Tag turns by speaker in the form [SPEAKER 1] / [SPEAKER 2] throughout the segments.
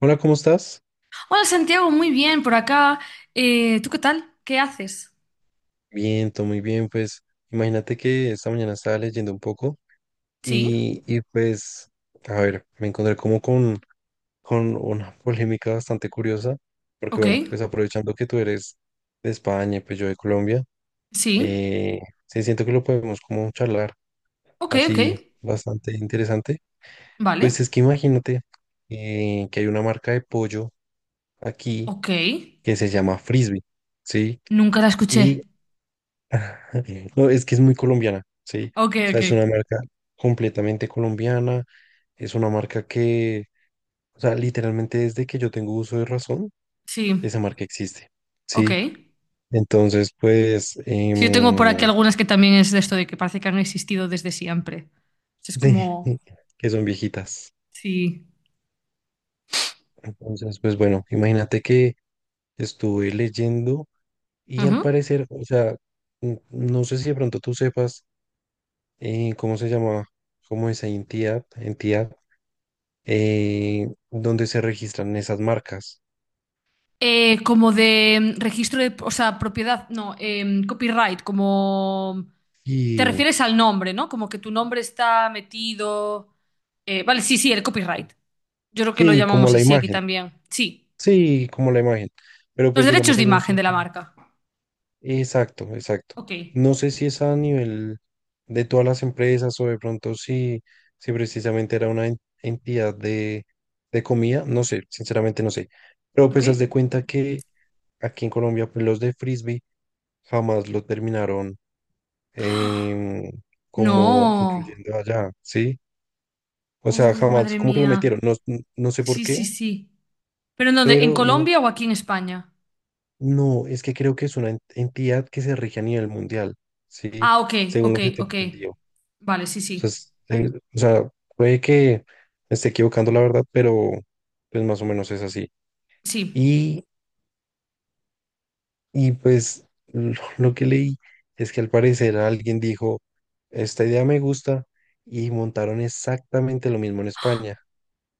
[SPEAKER 1] Hola, ¿cómo estás?
[SPEAKER 2] Hola Santiago, muy bien por acá. ¿Tú qué tal? ¿Qué haces?
[SPEAKER 1] Bien, todo muy bien. Pues imagínate que esta mañana estaba leyendo un poco
[SPEAKER 2] Sí,
[SPEAKER 1] y pues, a ver, me encontré como con una polémica bastante curiosa, porque
[SPEAKER 2] ok,
[SPEAKER 1] bueno, pues aprovechando que tú eres de España y pues yo de Colombia,
[SPEAKER 2] sí,
[SPEAKER 1] eh, sí siento que lo podemos como charlar
[SPEAKER 2] ok, ok,
[SPEAKER 1] así bastante interesante.
[SPEAKER 2] vale,
[SPEAKER 1] Pues es que imagínate que hay una marca de pollo aquí
[SPEAKER 2] ok.
[SPEAKER 1] que se llama Frisbee, ¿sí?
[SPEAKER 2] Nunca la escuché.
[SPEAKER 1] No, es que es muy colombiana, sí.
[SPEAKER 2] Ok,
[SPEAKER 1] O
[SPEAKER 2] ok,
[SPEAKER 1] sea, es una marca completamente colombiana. Es una marca que, o sea, literalmente desde que yo tengo uso de razón,
[SPEAKER 2] sí,
[SPEAKER 1] esa marca existe,
[SPEAKER 2] ok.
[SPEAKER 1] sí. Entonces, pues,
[SPEAKER 2] Sí, yo tengo por aquí algunas que también es de esto de que parece que han existido desde siempre. Es
[SPEAKER 1] sí,
[SPEAKER 2] como,
[SPEAKER 1] que son viejitas.
[SPEAKER 2] sí.
[SPEAKER 1] Entonces, pues bueno, imagínate que estuve leyendo y al
[SPEAKER 2] Ujú.
[SPEAKER 1] parecer, o sea, no sé si de pronto tú sepas cómo se llama, cómo esa entidad donde se registran esas marcas.
[SPEAKER 2] Como de registro de, o sea, propiedad, no, copyright, como... Te
[SPEAKER 1] Y
[SPEAKER 2] refieres al nombre, ¿no? Como que tu nombre está metido. Vale, sí, el copyright. Yo creo que lo
[SPEAKER 1] sí,
[SPEAKER 2] llamamos así aquí también. Sí.
[SPEAKER 1] sí, como la imagen. Pero
[SPEAKER 2] Los
[SPEAKER 1] pues
[SPEAKER 2] derechos
[SPEAKER 1] digamos
[SPEAKER 2] de
[SPEAKER 1] hay un
[SPEAKER 2] imagen de la
[SPEAKER 1] sitio.
[SPEAKER 2] marca.
[SPEAKER 1] Exacto, exacto.
[SPEAKER 2] Ok.
[SPEAKER 1] No sé si es a nivel de todas las empresas o de pronto si precisamente era una entidad de comida, no sé, sinceramente no sé. Pero
[SPEAKER 2] Ok.
[SPEAKER 1] pues haz de cuenta que aquí en Colombia pues, los de frisbee jamás lo terminaron em, como
[SPEAKER 2] No.
[SPEAKER 1] incluyendo allá, ¿sí? O sea,
[SPEAKER 2] Uy,
[SPEAKER 1] jamás
[SPEAKER 2] madre
[SPEAKER 1] como que lo metieron,
[SPEAKER 2] mía.
[SPEAKER 1] no, no sé por
[SPEAKER 2] Sí, sí,
[SPEAKER 1] qué,
[SPEAKER 2] sí. ¿Pero en dónde? ¿En
[SPEAKER 1] pero y no,
[SPEAKER 2] Colombia o aquí en España?
[SPEAKER 1] no, es que creo que es una entidad que se rige a nivel mundial, ¿sí?
[SPEAKER 2] Ah, ok,
[SPEAKER 1] Según
[SPEAKER 2] ok,
[SPEAKER 1] lo que tengo
[SPEAKER 2] ok.
[SPEAKER 1] entendido. O
[SPEAKER 2] Vale, sí,
[SPEAKER 1] sea,
[SPEAKER 2] sí.
[SPEAKER 1] o sea, puede que me esté equivocando la verdad, pero pues más o menos es así.
[SPEAKER 2] Sí.
[SPEAKER 1] Y, y pues lo que leí es que al parecer alguien dijo, esta idea me gusta, y montaron exactamente lo mismo en España,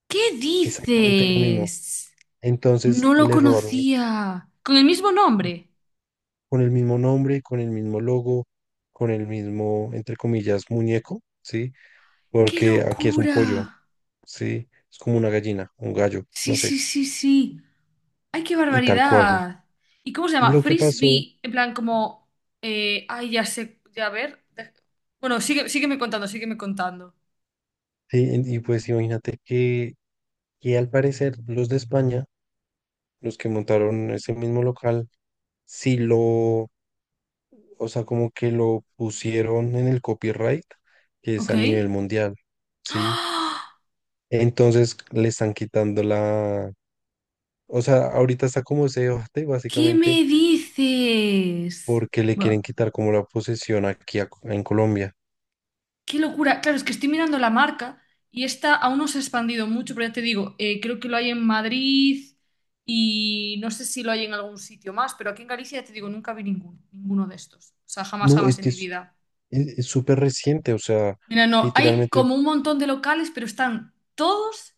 [SPEAKER 2] ¿Qué
[SPEAKER 1] exactamente lo mismo.
[SPEAKER 2] dices?
[SPEAKER 1] Entonces
[SPEAKER 2] No lo
[SPEAKER 1] le robaron.
[SPEAKER 2] conocía. ¿Con el mismo nombre?
[SPEAKER 1] Con el mismo nombre, con el mismo logo, con el mismo, entre comillas, muñeco, ¿sí?
[SPEAKER 2] ¡Qué
[SPEAKER 1] Porque aquí es un
[SPEAKER 2] locura!
[SPEAKER 1] pollo, ¿sí? Es como una gallina, un gallo,
[SPEAKER 2] Sí,
[SPEAKER 1] no sé,
[SPEAKER 2] sí, sí, sí. ¡Ay, qué
[SPEAKER 1] y tal cual.
[SPEAKER 2] barbaridad! ¿Y cómo se
[SPEAKER 1] Y
[SPEAKER 2] llama?
[SPEAKER 1] lo que pasó,
[SPEAKER 2] Frisbee, en plan como... ay, ya sé, ya a ver. De- Bueno, sigue, sígueme contando.
[SPEAKER 1] sí, y pues imagínate que al parecer los de España, los que montaron ese mismo local, sí lo, o sea, como que lo pusieron en el copyright, que es
[SPEAKER 2] Ok.
[SPEAKER 1] a nivel mundial, ¿sí?
[SPEAKER 2] ¡Ah!
[SPEAKER 1] Entonces le están quitando. O sea, ahorita está como ese debate
[SPEAKER 2] ¿Qué
[SPEAKER 1] básicamente
[SPEAKER 2] me dices?
[SPEAKER 1] porque le quieren
[SPEAKER 2] Buah,
[SPEAKER 1] quitar como la posesión aquí en Colombia.
[SPEAKER 2] qué locura. Claro, es que estoy mirando la marca y esta aún no se ha expandido mucho, pero ya te digo, creo que lo hay en Madrid y no sé si lo hay en algún sitio más, pero aquí en Galicia ya te digo, nunca vi ninguno, ninguno de estos. O sea, jamás,
[SPEAKER 1] No,
[SPEAKER 2] jamás
[SPEAKER 1] es
[SPEAKER 2] en
[SPEAKER 1] que
[SPEAKER 2] mi vida.
[SPEAKER 1] es súper reciente, o sea,
[SPEAKER 2] Mira, no, hay
[SPEAKER 1] literalmente,
[SPEAKER 2] como un montón de locales, pero están todos,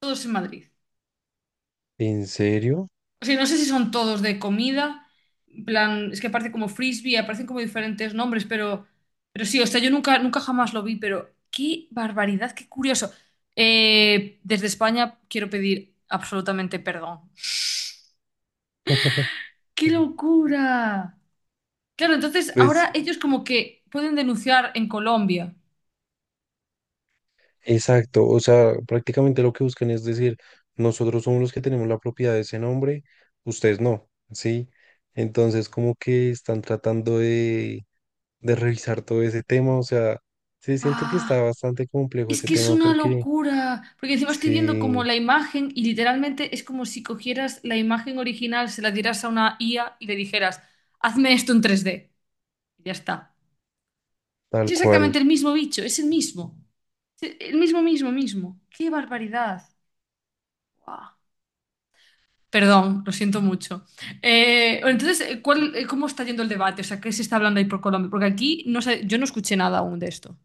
[SPEAKER 2] todos en Madrid.
[SPEAKER 1] ¿en serio?
[SPEAKER 2] O sea, no sé si son todos de comida, en plan, es que aparece como frisbee, aparecen como diferentes nombres, pero sí, o sea, yo nunca, nunca jamás lo vi, pero qué barbaridad, qué curioso. Desde España quiero pedir absolutamente perdón. ¡Qué locura! Claro, entonces
[SPEAKER 1] Pues
[SPEAKER 2] ahora ellos como que pueden denunciar en Colombia.
[SPEAKER 1] exacto, o sea, prácticamente lo que buscan es decir, nosotros somos los que tenemos la propiedad de ese nombre, ustedes no, ¿sí? Entonces como que están tratando de revisar todo ese tema, o sea, sí, siento que está
[SPEAKER 2] Ah.
[SPEAKER 1] bastante complejo
[SPEAKER 2] Es
[SPEAKER 1] ese
[SPEAKER 2] que es
[SPEAKER 1] tema
[SPEAKER 2] una
[SPEAKER 1] porque...
[SPEAKER 2] locura, porque encima estoy viendo como
[SPEAKER 1] Sí,
[SPEAKER 2] la imagen y literalmente es como si cogieras la imagen original, se la dieras a una IA y le dijeras, hazme esto en tres d. Y ya está. Es
[SPEAKER 1] tal
[SPEAKER 2] exactamente
[SPEAKER 1] cual.
[SPEAKER 2] el mismo bicho, es el mismo. Es el mismo, mismo, mismo. ¡Qué barbaridad! Guau. Perdón, lo siento mucho. Bueno, entonces, ¿cómo está yendo el debate? O sea, ¿qué se está hablando ahí por Colombia? Porque aquí no sé, yo no escuché nada aún de esto.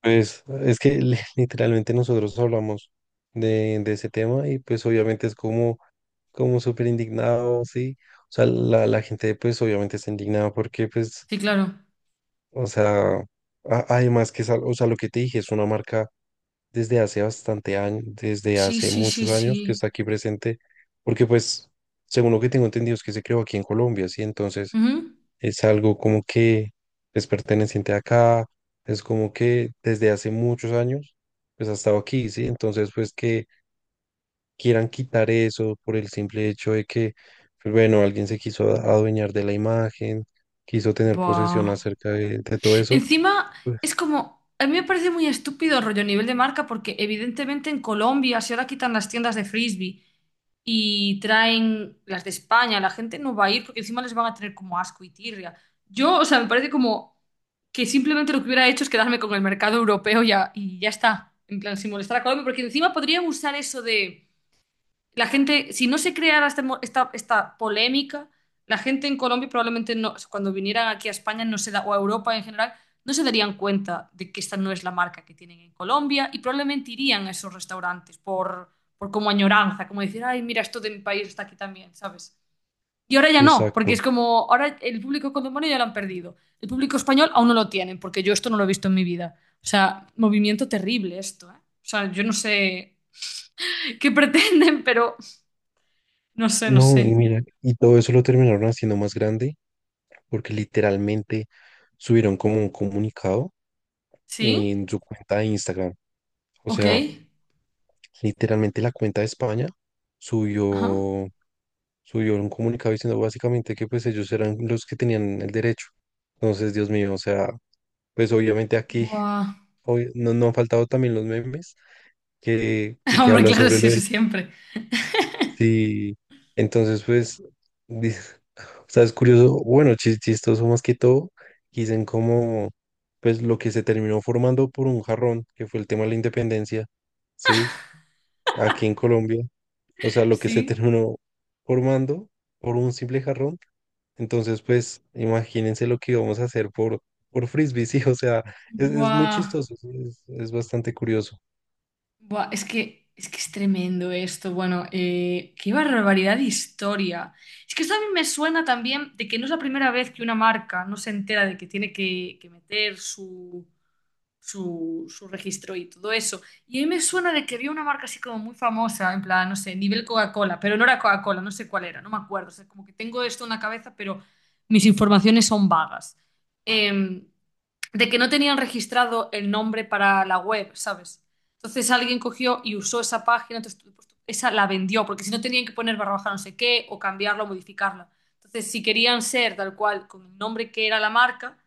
[SPEAKER 1] Pues es que literalmente nosotros hablamos de ese tema y pues obviamente es como, como súper indignado, sí. O sea, la gente pues obviamente está indignada porque pues,
[SPEAKER 2] Sí, claro.
[SPEAKER 1] o sea, además que es, o sea, lo que te dije es una marca desde hace bastante años, desde
[SPEAKER 2] Sí,
[SPEAKER 1] hace
[SPEAKER 2] sí, sí,
[SPEAKER 1] muchos años que
[SPEAKER 2] sí.
[SPEAKER 1] está aquí presente, porque pues, según lo que tengo entendido es que se creó aquí en Colombia, sí. Entonces,
[SPEAKER 2] Ujú.
[SPEAKER 1] es algo como que es perteneciente acá, es como que desde hace muchos años, pues ha estado aquí, ¿sí? Entonces, pues que quieran quitar eso por el simple hecho de que, pues bueno, alguien se quiso adueñar de la imagen, quiso tener posesión
[SPEAKER 2] Buah.
[SPEAKER 1] acerca de todo eso,
[SPEAKER 2] Encima es
[SPEAKER 1] pues
[SPEAKER 2] como, a mí me parece muy estúpido el rollo a nivel de marca porque evidentemente en Colombia si ahora quitan las tiendas de frisbee y traen las de España, la gente no va a ir porque encima les van a tener como asco y tirria. Yo, o sea, me parece como que simplemente lo que hubiera hecho es quedarme con el mercado europeo ya, y ya está, en plan, sin molestar a Colombia porque encima podrían usar eso de la gente, si no se creara este esta, esta polémica, la gente en Colombia probablemente no, cuando vinieran aquí a España no se da, o a Europa en general, no se darían cuenta de que esta no es la marca que tienen en Colombia y probablemente irían a esos restaurantes por como añoranza, como decir, ay, mira, esto de mi país está aquí también, ¿sabes? Y ahora ya no, porque
[SPEAKER 1] exacto.
[SPEAKER 2] es como, ahora el público colombiano ya lo han perdido. El público español aún no lo tienen, porque yo esto no lo he visto en mi vida. O sea, movimiento terrible esto, ¿eh? O sea, yo no sé qué pretenden, pero no sé, no
[SPEAKER 1] No, y
[SPEAKER 2] sé.
[SPEAKER 1] mira, y todo eso lo terminaron haciendo más grande porque literalmente subieron como un comunicado
[SPEAKER 2] ¿Sí?
[SPEAKER 1] en su cuenta de Instagram. O
[SPEAKER 2] Ok.
[SPEAKER 1] sea, literalmente la cuenta de España subió,
[SPEAKER 2] Ajá.
[SPEAKER 1] subió un comunicado diciendo básicamente que pues ellos eran los que tenían el derecho. Entonces, Dios mío, o sea, pues obviamente aquí
[SPEAKER 2] Buah.
[SPEAKER 1] no, no han faltado también los memes que, que que
[SPEAKER 2] Hombre,
[SPEAKER 1] hablan
[SPEAKER 2] claro,
[SPEAKER 1] sobre
[SPEAKER 2] sí,
[SPEAKER 1] lo
[SPEAKER 2] eso
[SPEAKER 1] del...
[SPEAKER 2] siempre.
[SPEAKER 1] Sí, entonces pues, di- o sea, es curioso, bueno, chistoso más que todo, dicen como pues lo que se terminó formando por un jarrón, que fue el tema de la independencia, ¿sí? Aquí en Colombia. O sea, lo que se
[SPEAKER 2] Sí.
[SPEAKER 1] terminó formando por un simple jarrón. Entonces, pues, imagínense lo que íbamos a hacer por frisbee, sí, o sea, es muy
[SPEAKER 2] Buah.
[SPEAKER 1] chistoso, sí, es bastante curioso.
[SPEAKER 2] Buah. Es que es tremendo esto. Bueno, qué barbaridad de historia. Es que esto a mí me suena también de que no es la primera vez que una marca no se entera de que que meter su registro y todo eso. Y a mí me suena de que había una marca así como muy famosa, en plan, no sé, nivel Coca-Cola, pero no era Coca-Cola, no sé cuál era, no me acuerdo. O sea, como que tengo esto en la cabeza, pero mis informaciones son vagas. Em, de que no tenían registrado el nombre para la web, ¿sabes? Entonces alguien cogió y usó esa página, entonces esa la vendió, porque si no tenían que poner barra baja no sé qué, o cambiarla, o modificarla. Entonces, si querían ser tal cual, con el nombre que era la marca,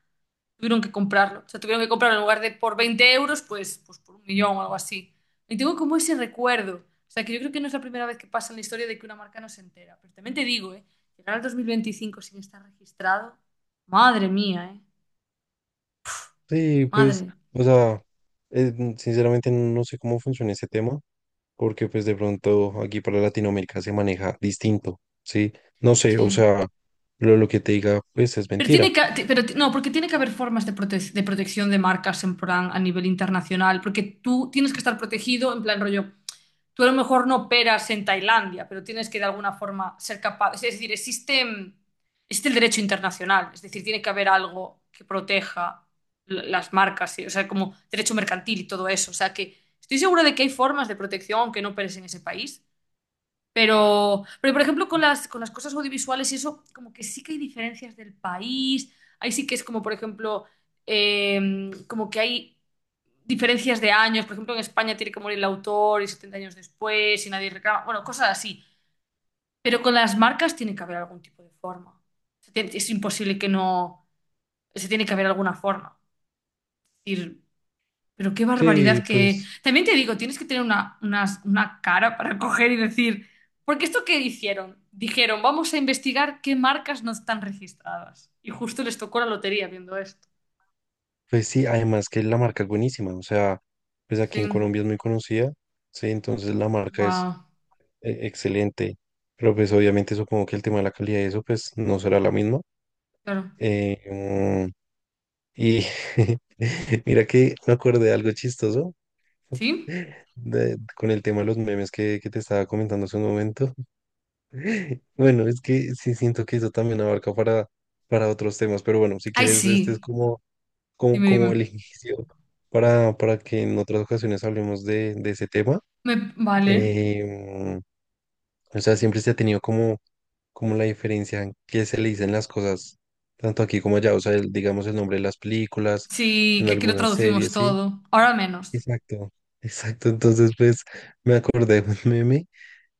[SPEAKER 2] tuvieron que comprarlo. O sea, tuvieron que comprarlo en lugar de por 20 euros, pues por un millón o algo así. Y tengo como ese recuerdo. O sea, que yo creo que no es la primera vez que pasa en la historia de que una marca no se entera. Pero también te digo, ¿eh? Llegar al 2025 sin estar registrado. Madre mía, ¿eh?
[SPEAKER 1] Sí, pues,
[SPEAKER 2] Madre.
[SPEAKER 1] o sea, sinceramente no sé cómo funciona ese tema, porque pues de pronto aquí para Latinoamérica se maneja distinto, sí, no sé, o
[SPEAKER 2] Sí.
[SPEAKER 1] sea, lo que te diga, pues, es
[SPEAKER 2] Pero tiene
[SPEAKER 1] mentira.
[SPEAKER 2] que, ti- pero ti- No, porque tiene que haber formas de, de protección de marcas en plan a nivel internacional, porque tú tienes que estar protegido en plan rollo. Tú a lo mejor no operas en Tailandia, pero tienes que de alguna forma ser capaz. Es decir, existe, existe el derecho internacional, es decir, tiene que haber algo que proteja las marcas, ¿sí? O sea, como derecho mercantil y todo eso. O sea, que estoy segura de que hay formas de protección aunque no operes en ese país. Pero por ejemplo, con las cosas audiovisuales y eso, como que sí que hay diferencias del país. Ahí sí que es como, por ejemplo, como que hay diferencias de años. Por ejemplo, en España tiene que morir el autor y 70 años después y nadie reclama. Bueno, cosas así. Pero con las marcas tiene que haber algún tipo de forma. O sea, es imposible que no... Se tiene que haber alguna forma. Es decir, pero qué
[SPEAKER 1] Sí,
[SPEAKER 2] barbaridad que...
[SPEAKER 1] pues.
[SPEAKER 2] También te digo, tienes que tener una cara para coger y decir... Porque esto que hicieron, dijeron, vamos a investigar qué marcas no están registradas. Y justo les tocó la lotería viendo esto.
[SPEAKER 1] Pues sí, además que la marca es buenísima, o sea, pues aquí en
[SPEAKER 2] Sí.
[SPEAKER 1] Colombia es muy conocida, sí, entonces la marca es
[SPEAKER 2] Wow.
[SPEAKER 1] excelente, pero pues obviamente supongo que el tema de la calidad de eso pues no será la misma.
[SPEAKER 2] Claro.
[SPEAKER 1] Eh, mm, y mira que me acordé de algo chistoso
[SPEAKER 2] ¿Sí?
[SPEAKER 1] con el tema de los memes que te estaba comentando hace un momento. Bueno, es que sí siento que eso también abarca para otros temas, pero bueno, si
[SPEAKER 2] Ay,
[SPEAKER 1] quieres, este es
[SPEAKER 2] sí. Dime,
[SPEAKER 1] como el
[SPEAKER 2] dime.
[SPEAKER 1] inicio para que en otras ocasiones hablemos de ese tema.
[SPEAKER 2] Vale.
[SPEAKER 1] Em, o sea, siempre se ha tenido como, como la diferencia en qué se le dicen las cosas, tanto aquí como allá. O sea, el- digamos el nombre de las películas,
[SPEAKER 2] Sí,
[SPEAKER 1] en
[SPEAKER 2] que aquí lo
[SPEAKER 1] algunas
[SPEAKER 2] traducimos
[SPEAKER 1] series, ¿sí?
[SPEAKER 2] todo. Ahora menos.
[SPEAKER 1] Exacto, exacto. Entonces, pues me acordé de un meme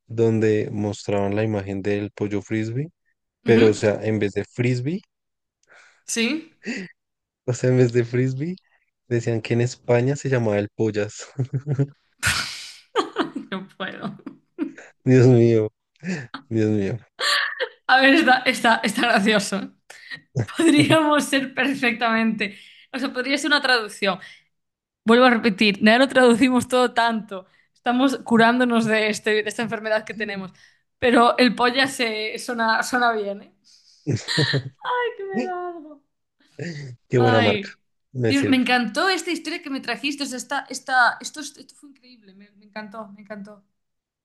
[SPEAKER 1] donde mostraban la imagen del pollo frisbee, pero o
[SPEAKER 2] Ujú.
[SPEAKER 1] sea, en vez de frisbee,
[SPEAKER 2] Sí.
[SPEAKER 1] o sea, en vez de frisbee, decían que en España se llamaba el pollas.
[SPEAKER 2] No puedo.
[SPEAKER 1] Dios mío. Dios mío.
[SPEAKER 2] A ver, está gracioso. Podríamos ser perfectamente. O sea, podría ser una traducción. Vuelvo a repetir, ya lo traducimos todo tanto. Estamos curándonos de, este, de esta enfermedad que tenemos. Pero el polla se suena, suena bien, ¿eh? Ay, que me da algo.
[SPEAKER 1] Qué buena marca.
[SPEAKER 2] Ay,
[SPEAKER 1] Me
[SPEAKER 2] Dios, me
[SPEAKER 1] sirve.
[SPEAKER 2] encantó esta historia que me trajiste. O sea, esto fue increíble. Me encantó, me encantó.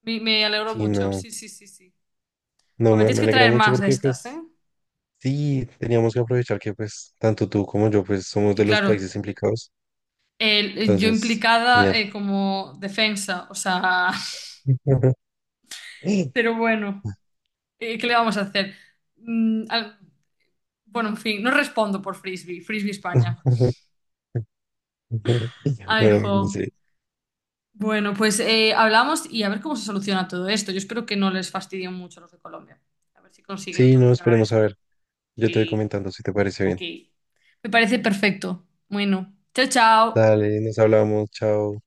[SPEAKER 2] Me alegró
[SPEAKER 1] Sí,
[SPEAKER 2] mucho.
[SPEAKER 1] no,
[SPEAKER 2] Sí, sí, sí, sí.
[SPEAKER 1] no,
[SPEAKER 2] Joder, tienes
[SPEAKER 1] me
[SPEAKER 2] que
[SPEAKER 1] alegra
[SPEAKER 2] traer
[SPEAKER 1] mucho
[SPEAKER 2] más de
[SPEAKER 1] porque
[SPEAKER 2] estas, ¿eh?
[SPEAKER 1] pues sí, teníamos que aprovechar que pues tanto tú como yo pues somos
[SPEAKER 2] Y
[SPEAKER 1] de los
[SPEAKER 2] claro,
[SPEAKER 1] países implicados.
[SPEAKER 2] yo
[SPEAKER 1] Entonces,
[SPEAKER 2] implicada
[SPEAKER 1] genial.
[SPEAKER 2] como defensa, o sea, pero bueno, ¿qué le vamos a hacer? Mm, al- bueno, en fin, no respondo por Frisbee, Frisbee España. Ay,
[SPEAKER 1] Bueno,
[SPEAKER 2] jo.
[SPEAKER 1] sí.
[SPEAKER 2] Bueno, pues hablamos y a ver cómo se soluciona todo esto. Yo espero que no les fastidien mucho a los de Colombia. A ver si consiguen
[SPEAKER 1] Sí, no,
[SPEAKER 2] solucionar
[SPEAKER 1] esperemos a
[SPEAKER 2] esto.
[SPEAKER 1] ver. Yo te voy
[SPEAKER 2] Sí,
[SPEAKER 1] comentando si te parece
[SPEAKER 2] ok.
[SPEAKER 1] bien.
[SPEAKER 2] Me parece perfecto. Bueno, chao, chao.
[SPEAKER 1] Dale, nos hablamos. Chao.